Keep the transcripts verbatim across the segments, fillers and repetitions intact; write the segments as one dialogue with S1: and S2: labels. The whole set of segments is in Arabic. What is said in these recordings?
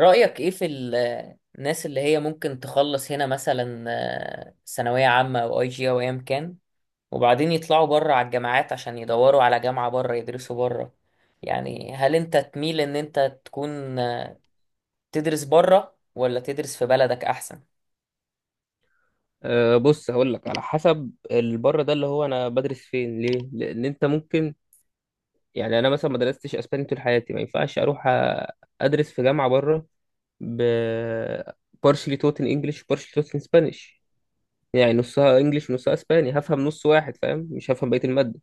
S1: رأيك ايه في ال- الناس اللي هي ممكن تخلص هنا مثلا، آه، ثانوية عامة او اي جي او ايا كان، وبعدين يطلعوا بره على الجامعات عشان يدوروا على جامعة بره يدرسوا بره. يعني هل انت تميل ان انت تكون آه، تدرس بره ولا تدرس في بلدك احسن؟
S2: أه، بص هقول لك على حسب البره ده اللي هو انا بدرس فين ليه، لان انت ممكن يعني انا مثلا ما درستش اسباني طول حياتي ما ينفعش اروح أ- ادرس في جامعه بره ب partially taught in English و partially taught in Spanish. يعني نصها انجلش ونصها اسباني، هفهم نص واحد فاهم، مش هفهم بقيه الماده.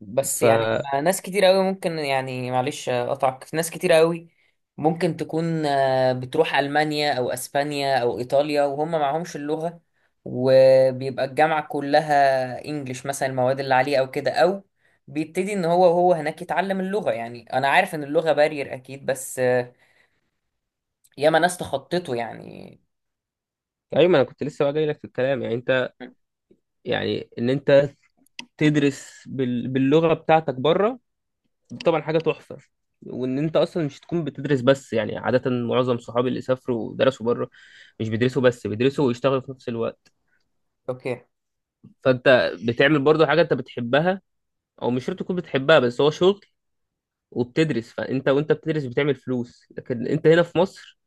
S1: بس
S2: ف
S1: يعني ما- ناس كتير قوي ممكن، يعني معلش اقطعك، ناس كتير قوي ممكن تكون آه، بتروح المانيا او اسبانيا او ايطاليا وهم معهمش اللغه، وبيبقى الجامعه كلها انجليش مثلا، المواد اللي عليه او كده، او بيبتدي ان هو وهو هناك يتعلم اللغه. يعني انا عارف ان اللغه بارير اكيد، بس آه، ياما ناس تخطته يعني.
S2: ايوه، ما انا كنت لسه بقى جاي لك في الكلام، يعني انت
S1: م.
S2: يعني ان انت تدرس بال... باللغه بتاعتك بره طبعا حاجه تحفه، وان انت اصلا مش تكون بتدرس. بس يعني عاده معظم صحابي اللي سافروا ودرسوا بره مش بيدرسوا بس، بيدرسوا ويشتغلوا في نفس الوقت.
S1: اوكي.
S2: فانت بتعمل برضه حاجه انت بتحبها، او مش شرط تكون بتحبها بس هو شغل وبتدرس. فانت وانت بتدرس بتعمل فلوس، لكن انت هنا في مصر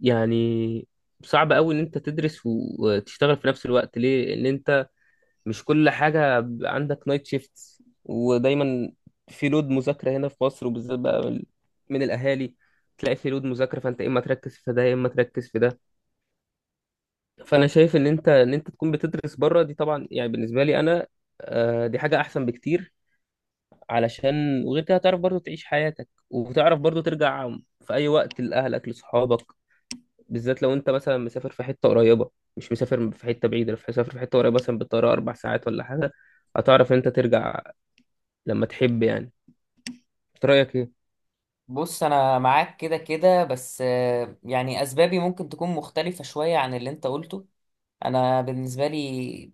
S2: يعني صعب قوي ان انت تدرس وتشتغل في نفس الوقت. ليه؟ ان انت مش كل حاجة ب- عندك نايت شيفت، ودايما في لود مذاكرة هنا في مصر، وبالذات بقى من من الأهالي تلاقي في لود مذاكرة، فأنت يا إما تركز في ده يا إما تركز في ده. فأنا شايف إن أنت إن أنت تكون بتدرس بره. دي طبعا يعني بالنسبة لي أنا، آه، دي حاجة أحسن بكتير علشان، وغير كده هتعرف برضو تعيش حياتك، وتعرف برضو ترجع في أي وقت لأهلك لصحابك، بالذات لو أنت مثلا مسافر في حتة قريبة، مش مسافر في حتة بعيدة. لو مسافر في حتة قريبة، مثلا بالطيارة أربع ساعات ولا حاجة، هتعرف إن أنت ترجع لما تحب يعني. انت رأيك ايه؟
S1: بص انا معاك كده كده، بس آه، يعني اسبابي ممكن تكون مختلفة شوية عن اللي انت قلته. انا بالنسبه لي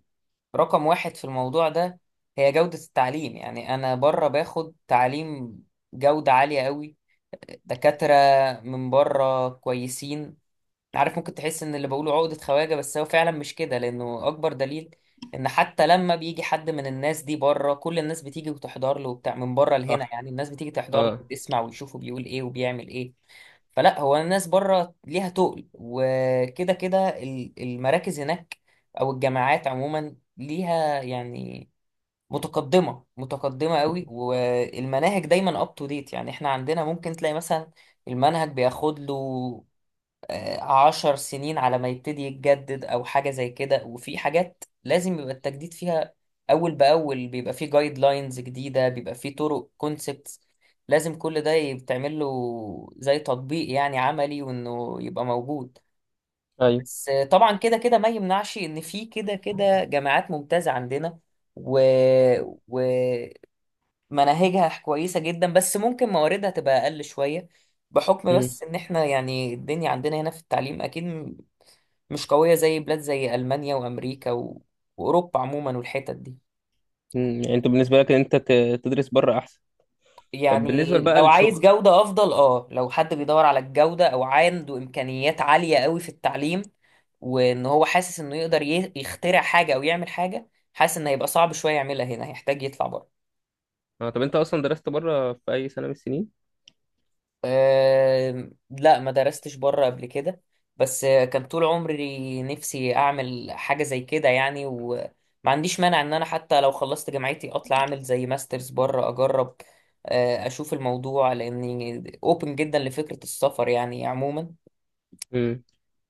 S1: رقم واحد في الموضوع ده هي جوده التعليم. يعني انا بره باخد تعليم جوده عاليه قوي، دكاتره من بره كويسين. عارف ممكن تحس ان اللي بقوله عقدة خواجة، بس هو فعلا مش كده، لانه اكبر دليل ان حتى لما بيجي حد من الناس دي بره كل الناس بتيجي وتحضر له وبتاع، من بره لهنا
S2: صح.
S1: يعني الناس بتيجي تحضر له
S2: اه.
S1: وتسمع ويشوفه بيقول ايه وبيعمل ايه. فلا هو الناس بره ليها تقل، وكده كده ال- المراكز هناك او الجامعات عموما ليها يعني متقدمة متقدمة قوي، والمناهج دايما اب تو ديت. يعني احنا عندنا ممكن تلاقي مثلا المنهج بياخد له آه، عشر سنين على ما يبتدي يتجدد او حاجه زي كده، وفي حاجات لازم يبقى التجديد فيها اول باول، بيبقى فيه جايد لاينز جديده، بيبقى فيه طرق كونسبتس، لازم كل ده يتعمل له زي تطبيق يعني عملي وانه يبقى موجود.
S2: ايوه.
S1: بس آه، طبعا كده كده ما يمنعش ان في كده كده جامعات ممتازه عندنا و... مناهجها كويسة جدا، بس ممكن مواردها تبقى أقل شوية، بحكم
S2: امم.
S1: بس إن إحنا يعني الدنيا عندنا هنا في التعليم أكيد م- مش قوية زي بلاد زي ألمانيا وأمريكا و... وأوروبا عموما والحتت دي.
S2: أمم. يعني انت بالنسبه لك ان انت ت- تدرس بره احسن؟ طب بالنسبة
S1: يعني
S2: بقى
S1: لو عايز
S2: للشغل؟
S1: جودة أفضل أه لو حد بيدور على الجودة أو عنده إمكانيات عالية قوي في التعليم، وإن هو حاسس إنه يقدر ي- يخترع حاجة أو يعمل حاجة، حاسس إن هيبقى صعب شوية يعملها هنا، هيحتاج يطلع بره.
S2: اه، طب انت اصلا درست بره في اي سنة من السنين؟
S1: أه لا، ما درستش بره قبل كده، بس آه، كان طول عمري نفسي اعمل حاجه زي كده يعني، وما عنديش مانع ان انا حتى لو خلصت جامعتي اطلع اعمل زي ماسترز بره اجرب، آه، اشوف الموضوع، لاني اوبن جدا لفكره السفر يعني عموما.
S2: امم.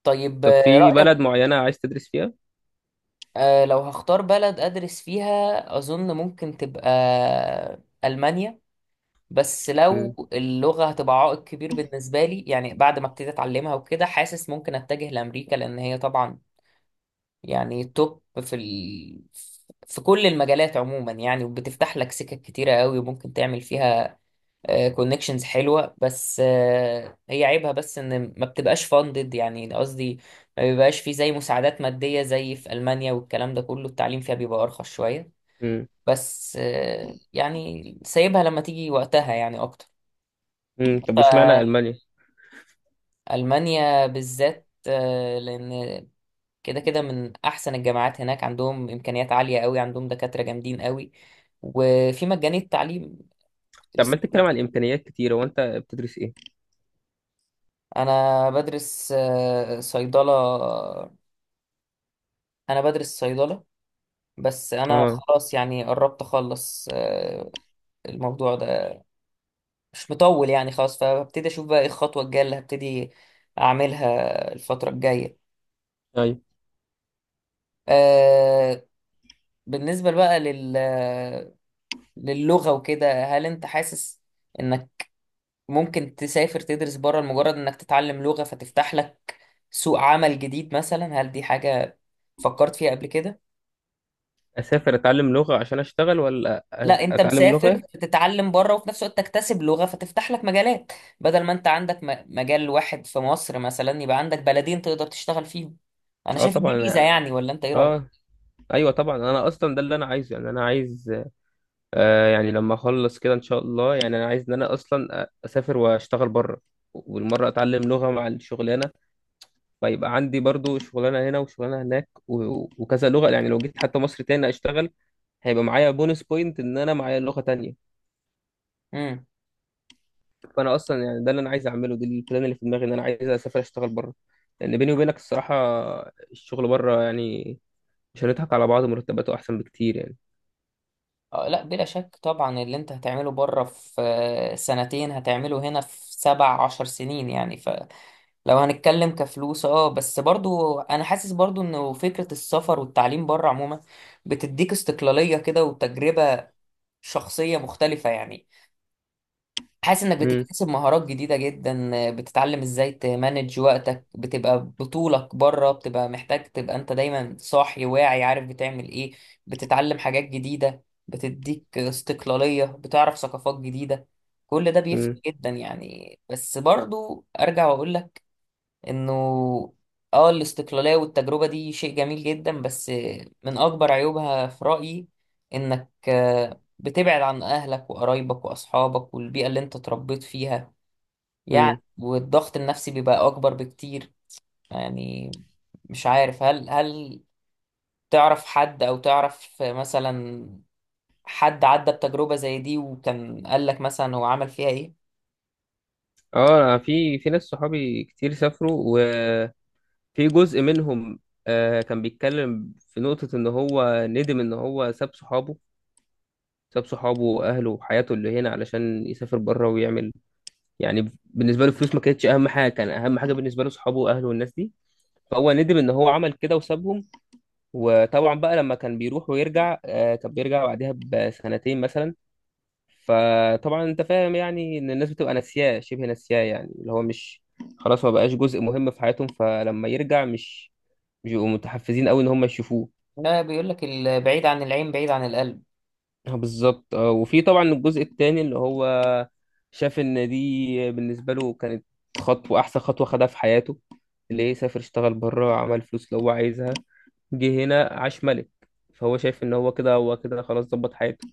S1: طيب
S2: طب
S1: آه،
S2: في
S1: رايك.
S2: بلد معينة عايز تدرس فيها؟
S1: آه، لو هختار بلد ادرس فيها اظن ممكن تبقى المانيا، بس
S2: امم.
S1: لو اللغة هتبقى عائق كبير بالنسبة لي يعني بعد ما ابتديت أتعلمها وكده، حاسس ممكن أتجه لأمريكا، لأن هي طبعا يعني توب في ال... في كل المجالات عموما يعني، وبتفتح لك سكك كتيرة قوي وممكن تعمل فيها كونكشنز حلوة. بس آه، هي عيبها بس إن ما بتبقاش فاندد، يعني قصدي ما بيبقاش في زي مساعدات مادية زي في ألمانيا والكلام ده كله، التعليم فيها بيبقى أرخص شوية.
S2: امم.
S1: بس آه، يعني سايبها لما تيجي وقتها يعني.
S2: أمم. طب واشمعنى
S1: أكتر
S2: المانيا؟
S1: ألمانيا بالذات، آه، لأن كده كده من أحسن الجامعات هناك، عندهم إمكانيات عالية قوي، عندهم دكاترة جامدين قوي، وفي مجاني التعليم. كنت
S2: طب ما
S1: لسه
S2: انت
S1: بقول-.
S2: بتتكلم عن امكانيات كتيرة، وانت بتدرس ايه؟
S1: أنا بدرس آه، صيدلة، أنا بدرس صيدلة، بس أنا
S2: اه.
S1: خلاص يعني قربت أخلص آه، الموضوع ده مش مطول يعني، خلاص فهبتدي أشوف بقى إيه الخطوة الجاية اللي هبتدي أعملها الفترة الجاية.
S2: ايوه.
S1: آه، بالنسبة بقى للغة وكده، هل انت حاسس انك ممكن تسافر تدرس بره لمجرد انك تتعلم لغة فتفتح لك سوق عمل جديد مثلا؟ هل دي حاجة فكرت فيها قبل كده؟
S2: اسافر اتعلم لغة عشان اشتغل ولا أ-
S1: لا، انت
S2: اتعلم
S1: مسافر
S2: لغة؟
S1: تتعلم بره وفي نفس الوقت تكتسب لغة فتفتح لك مجالات، بدل ما انت عندك م- مجال واحد في مصر مثلا يبقى عندك بلدين تقدر تشتغل فيهم. انا
S2: اه،
S1: شايف إن دي ميزة
S2: طبعا.
S1: يعني، ولا انت ايه رأيك؟
S2: اه، ايوه طبعا. انا اصلا ده اللي انا عايزه، يعني انا عايز، آه يعني لما اخلص كده ان شاء الله، يعني انا عايز ان انا اصلا اسافر واشتغل بره، والمره اتعلم لغه مع الشغلانه. فيبقى عندي برضو شغلانه هنا وشغلانه هناك و- وكذا لغه، يعني لو جيت حتى مصر تاني اشتغل، هيبقى معايا بونس بوينت ان انا معايا لغه تانية.
S1: امم.
S2: فانا اصلا يعني ده اللي انا عايز اعمله، دي البلان اللي في دماغي، ان انا عايز اسافر اشتغل بره. لان بيني وبينك الصراحه، الشغل بره يعني مش هنضحك على بعض، مرتباته احسن بكتير يعني.
S1: آه، لا بلا شك طبعا، اللي انت هتعمله بره في آه، سنتين هتعمله هنا في سبع عشر سنين يعني، لو هنتكلم كفلوس. اه بس برضو انا حاسس برضو انه فكرة السفر والتعليم بره عموما بتديك استقلالية كده وتجربة شخصية مختلفة يعني. حاسس انك
S2: امم.
S1: بتكتسب مهارات جديدة جدا، بتتعلم ازاي تمانج وقتك، بتبقى بطولك بره، بتبقى محتاج تبقى انت دايما صاحي واعي عارف بتعمل ايه، بتتعلم حاجات جديدة، بتديك استقلالية، بتعرف ثقافات جديدة. كل ده بيفرق
S2: امم.
S1: جدا يعني. بس برضو ارجع واقول لك انه اه الاستقلالية والتجربة دي شيء جميل جدا، بس من اكبر عيوبها في رأيي انك آه، بتبعد عن اهلك وقرايبك واصحابك والبيئة اللي انت اتربيت فيها
S2: امم.
S1: يعني، والضغط النفسي بيبقى اكبر بكتير يعني. مش عارف هل هل تعرف حد او تعرف مثلا حد عدى بتجربة زي دي وكان قالك مثلا هو عمل فيها ايه؟
S2: اه، أنا في في ناس صحابي كتير سافروا. في جزء منهم آه كان بيتكلم في نقطة إن هو ندم إن هو ساب صحابه ساب صحابه وأهله وحياته اللي هنا علشان يسافر بره ويعمل. يعني بالنسبة له الفلوس ما كانتش أهم حاجة، كان أهم حاجة بالنسبة له صحابه وأهله والناس دي، فهو ندم إن هو عمل كده وسابهم. وطبعا بقى لما كان بيروح ويرجع آه كان بيرجع بعدها بسنتين مثلا، فطبعا أنت فاهم يعني إن الناس بتبقى ناسياه شبه ناسياه يعني، اللي هو مش خلاص، ما بقاش جزء مهم في حياتهم، فلما يرجع مش بيبقوا متحفزين قوي ان هم يشوفوه.
S1: لا، بيقولك البعيد عن العين بعيد عن القلب.
S2: آه، بالظبط. آه، وفي طبعا الجزء التاني اللي هو شاف ان دي بالنسبه له كانت خطوه، احسن خطوه خدها في حياته، اللي هي سافر اشتغل بره، عمل فلوس اللي هو عايزها، جه هنا عاش ملك. فهو شايف ان هو كده هو كده خلاص ظبط حياته.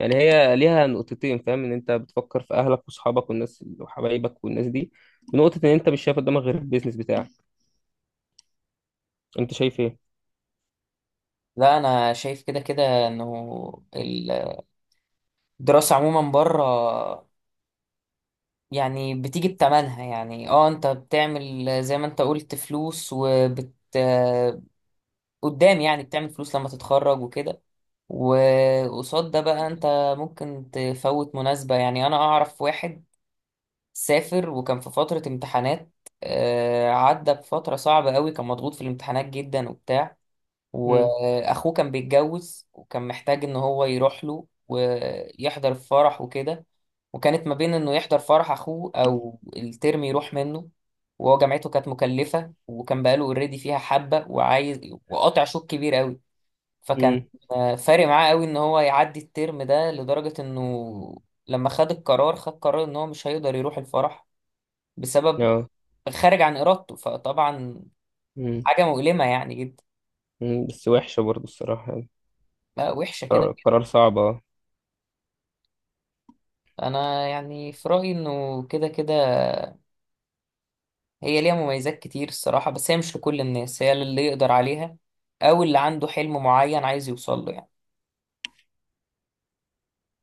S2: يعني هي ليها نقطتين، فاهم، ان انت بتفكر في اهلك واصحابك والناس وحبايبك والناس دي، ونقطه ان انت مش شايف قدامك غير البيزنس بتاعك. انت شايف ايه؟
S1: لا، انا شايف كده كده انه الدراسة عموما بره يعني بتيجي بتمنها. يعني اه انت بتعمل زي ما انت قلت فلوس وبت آه، قدام، يعني بتعمل فلوس لما تتخرج وكده. وقصاد ده بقى انت ممكن تفوت مناسبة. يعني انا اعرف واحد سافر وكان في فترة امتحانات، آه، عدى بفترة صعبة قوي، كان مضغوط في الامتحانات جدا وبتاع،
S2: امم.
S1: واخوه كان بيتجوز وكان محتاج ان هو يروح له ويحضر الفرح وكده، وكانت ما بين انه يحضر فرح اخوه او الترم يروح منه، وهو جامعته كانت مكلفة وكان بقاله اوريدي فيها حبة وعايز، وقاطع شوط كبير قوي. فكان
S2: امم.
S1: آه، فارق معاه قوي ان هو يعدي الترم ده، لدرجة انه لما خد القرار خد قرار ان هو مش هيقدر يروح الفرح بسبب
S2: اه.
S1: خارج عن ارادته. فطبعا
S2: امم.
S1: حاجة مؤلمة يعني جدا.
S2: بس وحشه برضه الصراحه يعني.
S1: لا، وحشة كده.
S2: قرار صعب اه.
S1: انا يعني في رايي انه كده كده هي ليها مميزات كتير الصراحه، بس هي مش لكل الناس، هي للي يقدر عليها او اللي عنده حلم معين عايز يوصل له يعني.